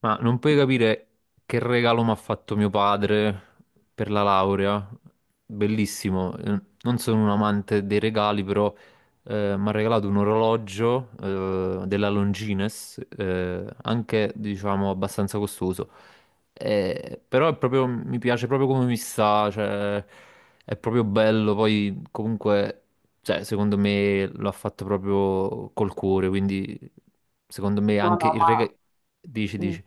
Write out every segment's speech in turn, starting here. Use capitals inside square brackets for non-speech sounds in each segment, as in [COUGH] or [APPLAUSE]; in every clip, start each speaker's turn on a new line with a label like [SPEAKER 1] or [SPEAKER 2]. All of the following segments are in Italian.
[SPEAKER 1] Ma non puoi capire che regalo mi ha fatto mio padre per la laurea. Bellissimo. Non sono un amante dei regali, però mi ha regalato un orologio della Longines, anche diciamo abbastanza costoso. Mi piace proprio come mi sta, cioè, è proprio bello. Poi comunque, cioè, secondo me l'ha fatto proprio col cuore, quindi secondo me
[SPEAKER 2] No,
[SPEAKER 1] anche
[SPEAKER 2] no,
[SPEAKER 1] il regalo.
[SPEAKER 2] ma,
[SPEAKER 1] Dici,
[SPEAKER 2] mm,
[SPEAKER 1] dici.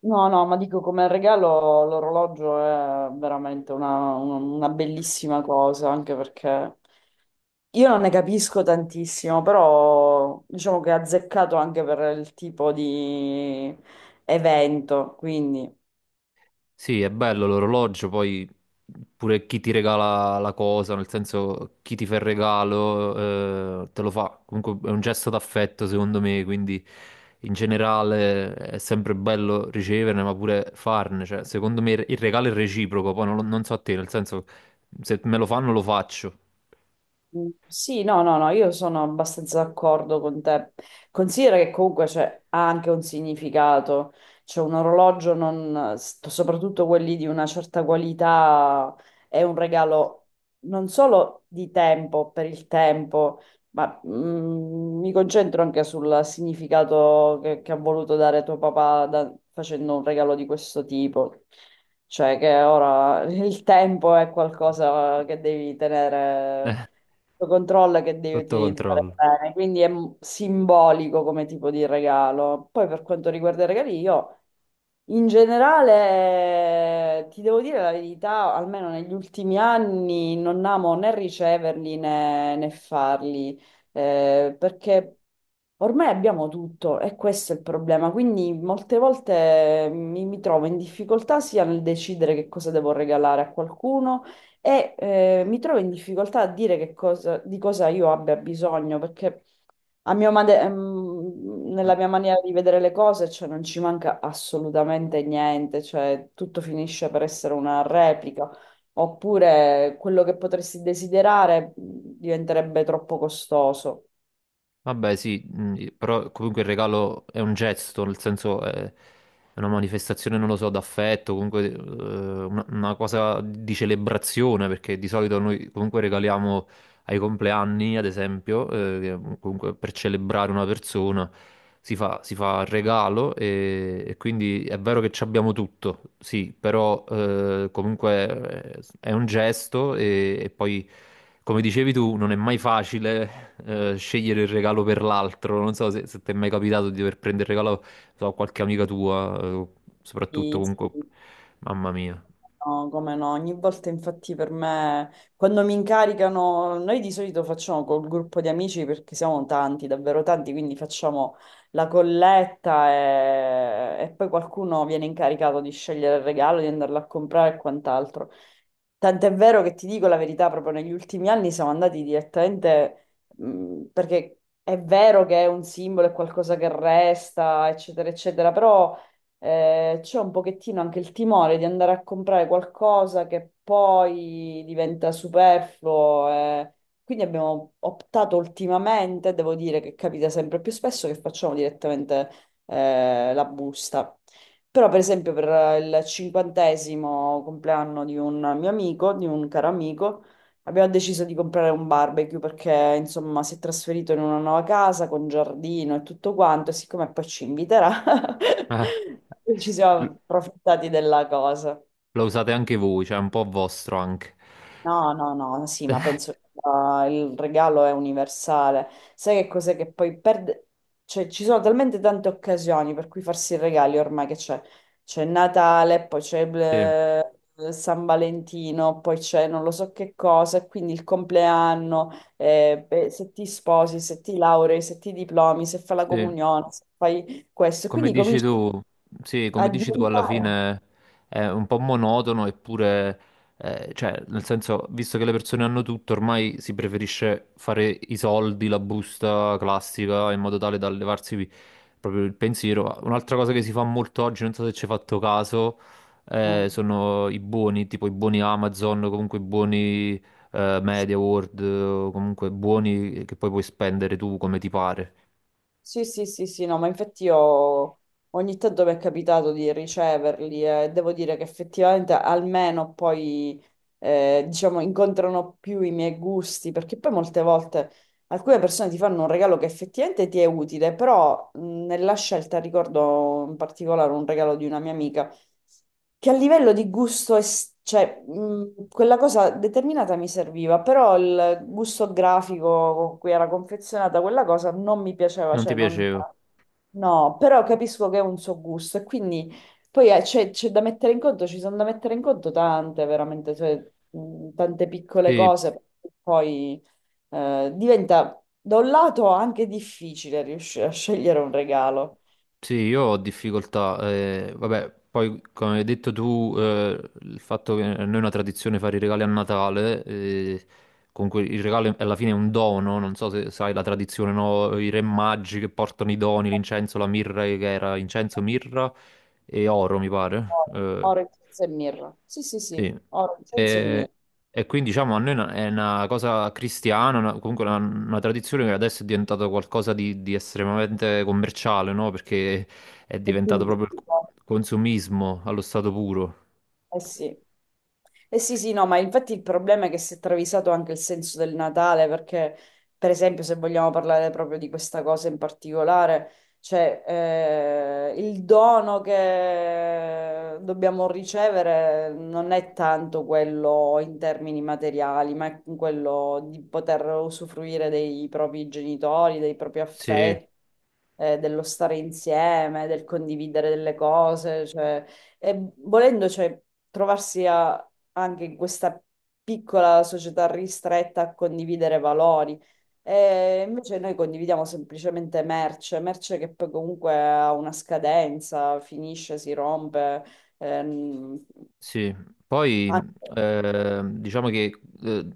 [SPEAKER 2] no, no, ma dico come regalo l'orologio è veramente una bellissima cosa, anche perché io non ne capisco tantissimo, però diciamo che è azzeccato anche per il tipo di evento, quindi...
[SPEAKER 1] Sì, è bello l'orologio, poi pure chi ti regala la cosa, nel senso chi ti fa il regalo, te lo fa. Comunque è un gesto d'affetto, secondo me, quindi in generale è sempre bello riceverne, ma pure farne. Cioè, secondo me il regalo è reciproco, poi non so a te, nel senso se me lo fanno lo faccio. [LAUGHS]
[SPEAKER 2] Mm, sì, no, no, no, io sono abbastanza d'accordo con te. Considera che comunque ha anche un significato. C'è un orologio, soprattutto quelli di una certa qualità, è un regalo non solo di tempo, per il tempo, ma mi concentro anche sul significato che ha voluto dare tuo papà, facendo un regalo di questo tipo. Cioè che ora il tempo è qualcosa che devi tenere
[SPEAKER 1] Eh,
[SPEAKER 2] sotto controllo e che devi
[SPEAKER 1] Sotto
[SPEAKER 2] utilizzare
[SPEAKER 1] controllo.
[SPEAKER 2] bene, quindi è simbolico come tipo di regalo. Poi per quanto riguarda i regali, io in generale ti devo dire la verità, almeno negli ultimi anni non amo né riceverli né farli, perché ormai abbiamo tutto e questo è il problema. Quindi molte volte mi trovo in difficoltà sia nel decidere che cosa devo regalare a qualcuno e, mi trovo in difficoltà a dire che cosa, di cosa io abbia bisogno, perché nella mia maniera di vedere le cose, cioè, non ci manca assolutamente niente, cioè, tutto finisce per essere una replica. Oppure quello che potresti desiderare diventerebbe troppo costoso.
[SPEAKER 1] Vabbè, sì, però comunque il regalo è un gesto, nel senso è una manifestazione, non lo so, d'affetto, comunque una cosa di celebrazione, perché di solito noi comunque regaliamo ai compleanni, ad esempio, che comunque per celebrare una persona si fa il regalo e quindi è vero che ci abbiamo tutto, sì, però comunque è un gesto e poi, come dicevi tu, non è mai facile scegliere il regalo per l'altro. Non so se ti è mai capitato di dover prendere il regalo, a qualche amica tua, soprattutto
[SPEAKER 2] Sì,
[SPEAKER 1] comunque,
[SPEAKER 2] sì,
[SPEAKER 1] mamma mia.
[SPEAKER 2] no, come no, ogni volta infatti per me, quando mi incaricano, noi di solito facciamo col gruppo di amici perché siamo tanti, davvero tanti, quindi facciamo la colletta e poi qualcuno viene incaricato di scegliere il regalo, di andarlo a comprare e quant'altro. Tant'è vero che ti dico la verità, proprio negli ultimi anni siamo andati direttamente, perché è vero che è un simbolo, è qualcosa che resta, eccetera, eccetera, però, c'è un pochettino anche il timore di andare a comprare qualcosa che poi diventa superfluo. Quindi abbiamo optato ultimamente, devo dire che capita sempre più spesso, che facciamo direttamente, la busta. Però, per esempio, per il cinquantesimo compleanno di un mio amico, di un caro amico, abbiamo deciso di comprare un barbecue perché, insomma, si è trasferito in una nuova casa con giardino e tutto quanto, e siccome poi ci inviterà,
[SPEAKER 1] Eh,
[SPEAKER 2] [LAUGHS] ci siamo
[SPEAKER 1] l-
[SPEAKER 2] approfittati della cosa.
[SPEAKER 1] lo usate anche voi, cioè è un po' vostro anche.
[SPEAKER 2] No, no, no, sì, ma penso che il regalo è universale. Sai che cos'è che poi perde? Cioè, ci sono talmente tante occasioni per cui farsi i regali ormai che c'è. C'è Natale, poi c'è
[SPEAKER 1] Sì.
[SPEAKER 2] eh, San Valentino, poi c'è non lo so che cosa, e quindi il compleanno, beh, se ti sposi, se ti laurei, se ti diplomi, se fai la
[SPEAKER 1] Sì,
[SPEAKER 2] comunione, se fai questo. E
[SPEAKER 1] come
[SPEAKER 2] quindi
[SPEAKER 1] dici
[SPEAKER 2] cominci
[SPEAKER 1] tu, sì,
[SPEAKER 2] a
[SPEAKER 1] come dici tu, alla
[SPEAKER 2] diventare.
[SPEAKER 1] fine è un po' monotono, eppure, cioè, nel senso, visto che le persone hanno tutto, ormai si preferisce fare i soldi, la busta classica, in modo tale da levarsi proprio il pensiero. Un'altra cosa che si fa molto oggi, non so se ci hai fatto caso,
[SPEAKER 2] No?
[SPEAKER 1] sono i buoni, tipo i buoni Amazon, o comunque i buoni, Media World, o comunque buoni che poi puoi spendere tu come ti pare.
[SPEAKER 2] Sì, sì, sì, sì, no, ma infatti io ogni tanto mi è capitato di riceverli e devo dire che effettivamente almeno poi, diciamo, incontrano più i miei gusti, perché poi molte volte alcune persone ti fanno un regalo che effettivamente ti è utile, però nella scelta ricordo in particolare un regalo di una mia amica che a livello di gusto, cioè, quella cosa determinata mi serviva, però il gusto grafico con cui era confezionata quella cosa non mi piaceva,
[SPEAKER 1] Non ti
[SPEAKER 2] cioè non...
[SPEAKER 1] piaceva?
[SPEAKER 2] No, però capisco che è un suo gusto e quindi poi c'è da mettere in conto, ci sono da mettere in conto tante, veramente, cioè, tante piccole
[SPEAKER 1] Sì,
[SPEAKER 2] cose, poi, diventa da un lato anche difficile riuscire a scegliere un regalo.
[SPEAKER 1] sì, io ho difficoltà, vabbè, poi come hai detto tu, il fatto che a noi è una tradizione fare i regali a Natale, comunque il regalo alla fine è un dono, non so se sai la tradizione, no? I re magi che portano i doni, l'incenso, la mirra, che era incenso, mirra e oro, mi pare.
[SPEAKER 2] Oro, oro, incenso e mirra. Sì, sì,
[SPEAKER 1] Sì.
[SPEAKER 2] sì, oro, incenso e
[SPEAKER 1] E,
[SPEAKER 2] mirra.
[SPEAKER 1] e quindi diciamo a noi è una cosa cristiana, comunque una tradizione che adesso è diventata qualcosa di estremamente commerciale, no? Perché è diventato proprio
[SPEAKER 2] Ottimistico.
[SPEAKER 1] il consumismo allo stato puro.
[SPEAKER 2] Eh sì. Eh sì, sì, no, ma infatti il problema è che si è travisato anche il senso del Natale, perché per esempio se vogliamo parlare proprio di questa cosa in particolare, cioè, il dono che dobbiamo ricevere non è tanto quello in termini materiali, ma è quello di poter usufruire dei propri genitori, dei propri
[SPEAKER 1] Sì,
[SPEAKER 2] affetti, dello stare insieme, del condividere delle cose, cioè. E volendo, cioè, trovarsi a- anche in questa piccola società ristretta a condividere valori. E invece noi condividiamo semplicemente merce, merce che poi comunque ha una scadenza, finisce, si rompe. ehm,
[SPEAKER 1] sì, poi
[SPEAKER 2] anche-
[SPEAKER 1] diciamo che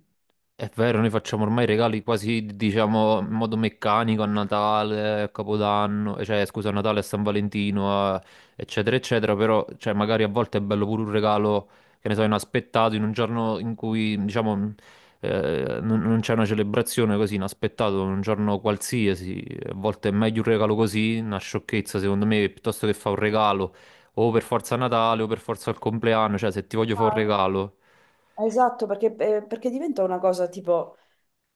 [SPEAKER 1] è vero, noi facciamo ormai regali quasi, diciamo, in modo meccanico a Natale, a Capodanno, cioè scusa, a Natale, a San Valentino, eccetera, eccetera, però cioè, magari a volte è bello pure un regalo, che ne so, inaspettato, in un giorno in cui, diciamo, non c'è una celebrazione così, inaspettato, un giorno qualsiasi, a volte è meglio un regalo così, una sciocchezza secondo me, piuttosto che fa un regalo o per forza Natale o per forza il compleanno, cioè se ti voglio fare un
[SPEAKER 2] Ah,
[SPEAKER 1] regalo.
[SPEAKER 2] esatto, perché diventa una cosa tipo.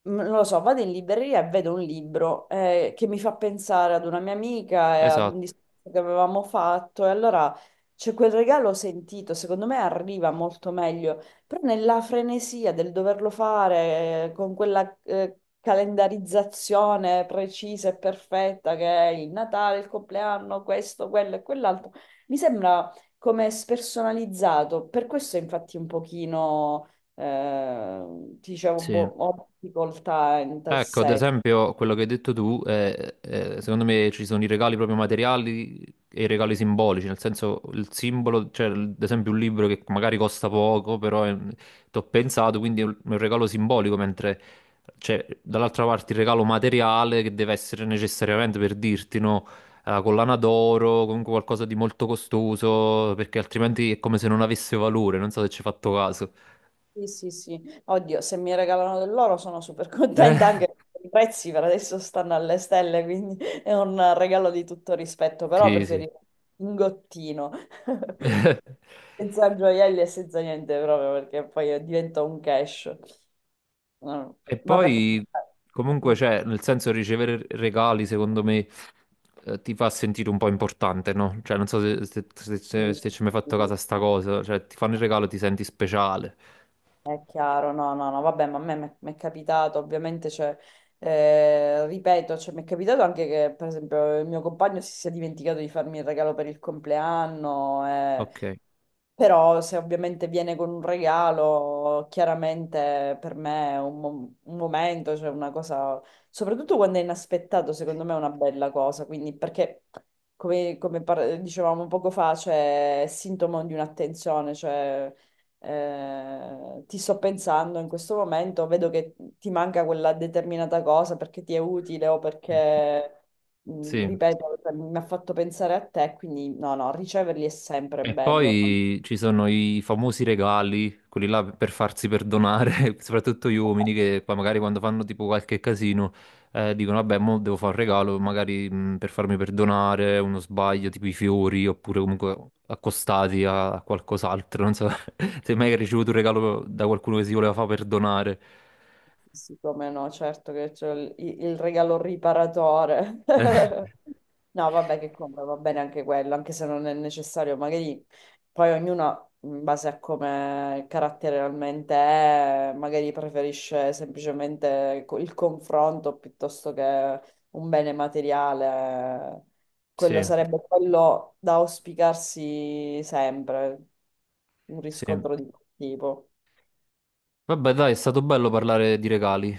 [SPEAKER 2] Non lo so, vado in libreria e vedo un libro che mi fa pensare ad una mia amica e ad un
[SPEAKER 1] Esatto,
[SPEAKER 2] discorso che avevamo fatto, e allora c'è quel regalo sentito, secondo me arriva molto meglio, però nella frenesia del doverlo fare con quella calendarizzazione precisa e perfetta che è il Natale, il compleanno, questo, quello e quell'altro, mi sembra come spersonalizzato, per questo infatti un pochino, ti dicevo, boh,
[SPEAKER 1] sì.
[SPEAKER 2] ho difficoltà in tal
[SPEAKER 1] Ecco, ad
[SPEAKER 2] senso.
[SPEAKER 1] esempio, quello che hai detto tu, secondo me ci sono i regali proprio materiali e i regali simbolici, nel senso il simbolo, cioè ad esempio un libro che magari costa poco, però ti ho pensato, quindi è un regalo simbolico, mentre c'è dall'altra parte il regalo materiale che deve essere necessariamente per dirti, no, la collana d'oro, comunque qualcosa di molto costoso, perché altrimenti è come se non avesse valore, non so se ci hai fatto caso.
[SPEAKER 2] Sì, sì, sì. Oddio, se mi regalano dell'oro sono super [LAUGHS] contenta
[SPEAKER 1] Eh,
[SPEAKER 2] anche perché i prezzi per adesso stanno alle stelle, quindi è un regalo di tutto rispetto, però
[SPEAKER 1] sì, sì.
[SPEAKER 2] preferisco un gottino,
[SPEAKER 1] [LAUGHS]
[SPEAKER 2] [LAUGHS] senza gioielli e senza niente proprio, perché poi diventa un cash. No,
[SPEAKER 1] E
[SPEAKER 2] ma perché.
[SPEAKER 1] poi,
[SPEAKER 2] Sì,
[SPEAKER 1] comunque, cioè, nel senso, ricevere regali, secondo me, ti fa sentire un po' importante, no? Cioè, non so se, se- se- se-
[SPEAKER 2] sì,
[SPEAKER 1] se ci hai mai
[SPEAKER 2] sì,
[SPEAKER 1] fatto caso a sta
[SPEAKER 2] no.
[SPEAKER 1] cosa, cioè, ti fanno il regalo, ti senti speciale.
[SPEAKER 2] È chiaro, no, no, no, vabbè, ma a me mi è capitato, ovviamente, cioè, ripeto, cioè, mi è capitato anche che, per esempio, il mio compagno si sia dimenticato di farmi il regalo per il compleanno,
[SPEAKER 1] Ok.
[SPEAKER 2] però se ovviamente viene con un regalo, chiaramente per me è un momento, cioè una cosa, soprattutto quando è inaspettato, secondo me è una bella cosa, quindi perché, dicevamo poco fa, cioè, è sintomo di un'attenzione, cioè ti sto pensando in questo momento, vedo che ti manca quella determinata cosa perché ti è utile o perché,
[SPEAKER 1] Sì.
[SPEAKER 2] ripeto, mi ha fatto pensare a te, quindi no, no, riceverli è sempre
[SPEAKER 1] E
[SPEAKER 2] bello.
[SPEAKER 1] poi ci sono i famosi regali, quelli là per farsi perdonare, [LAUGHS] soprattutto gli uomini che poi magari quando fanno tipo qualche casino dicono vabbè, mo devo fare un regalo, magari per farmi perdonare uno sbaglio, tipo i fiori oppure comunque accostati a qualcos'altro, non so [LAUGHS] se mai hai ricevuto un regalo da qualcuno che si voleva far perdonare.
[SPEAKER 2] Sì, sì, come no, certo che c'è il regalo riparatore.
[SPEAKER 1] [LAUGHS] Eh,
[SPEAKER 2] [LAUGHS] No, vabbè, che compra, va bene anche quello, anche se non è necessario, magari poi ognuno, in base a come il carattere realmente è, magari preferisce semplicemente il confronto piuttosto che un bene materiale. Quello
[SPEAKER 1] sì,
[SPEAKER 2] sarebbe quello da auspicarsi sempre, un
[SPEAKER 1] sì.
[SPEAKER 2] riscontro di quel tipo.
[SPEAKER 1] Vabbè, dai, è stato bello parlare di regali.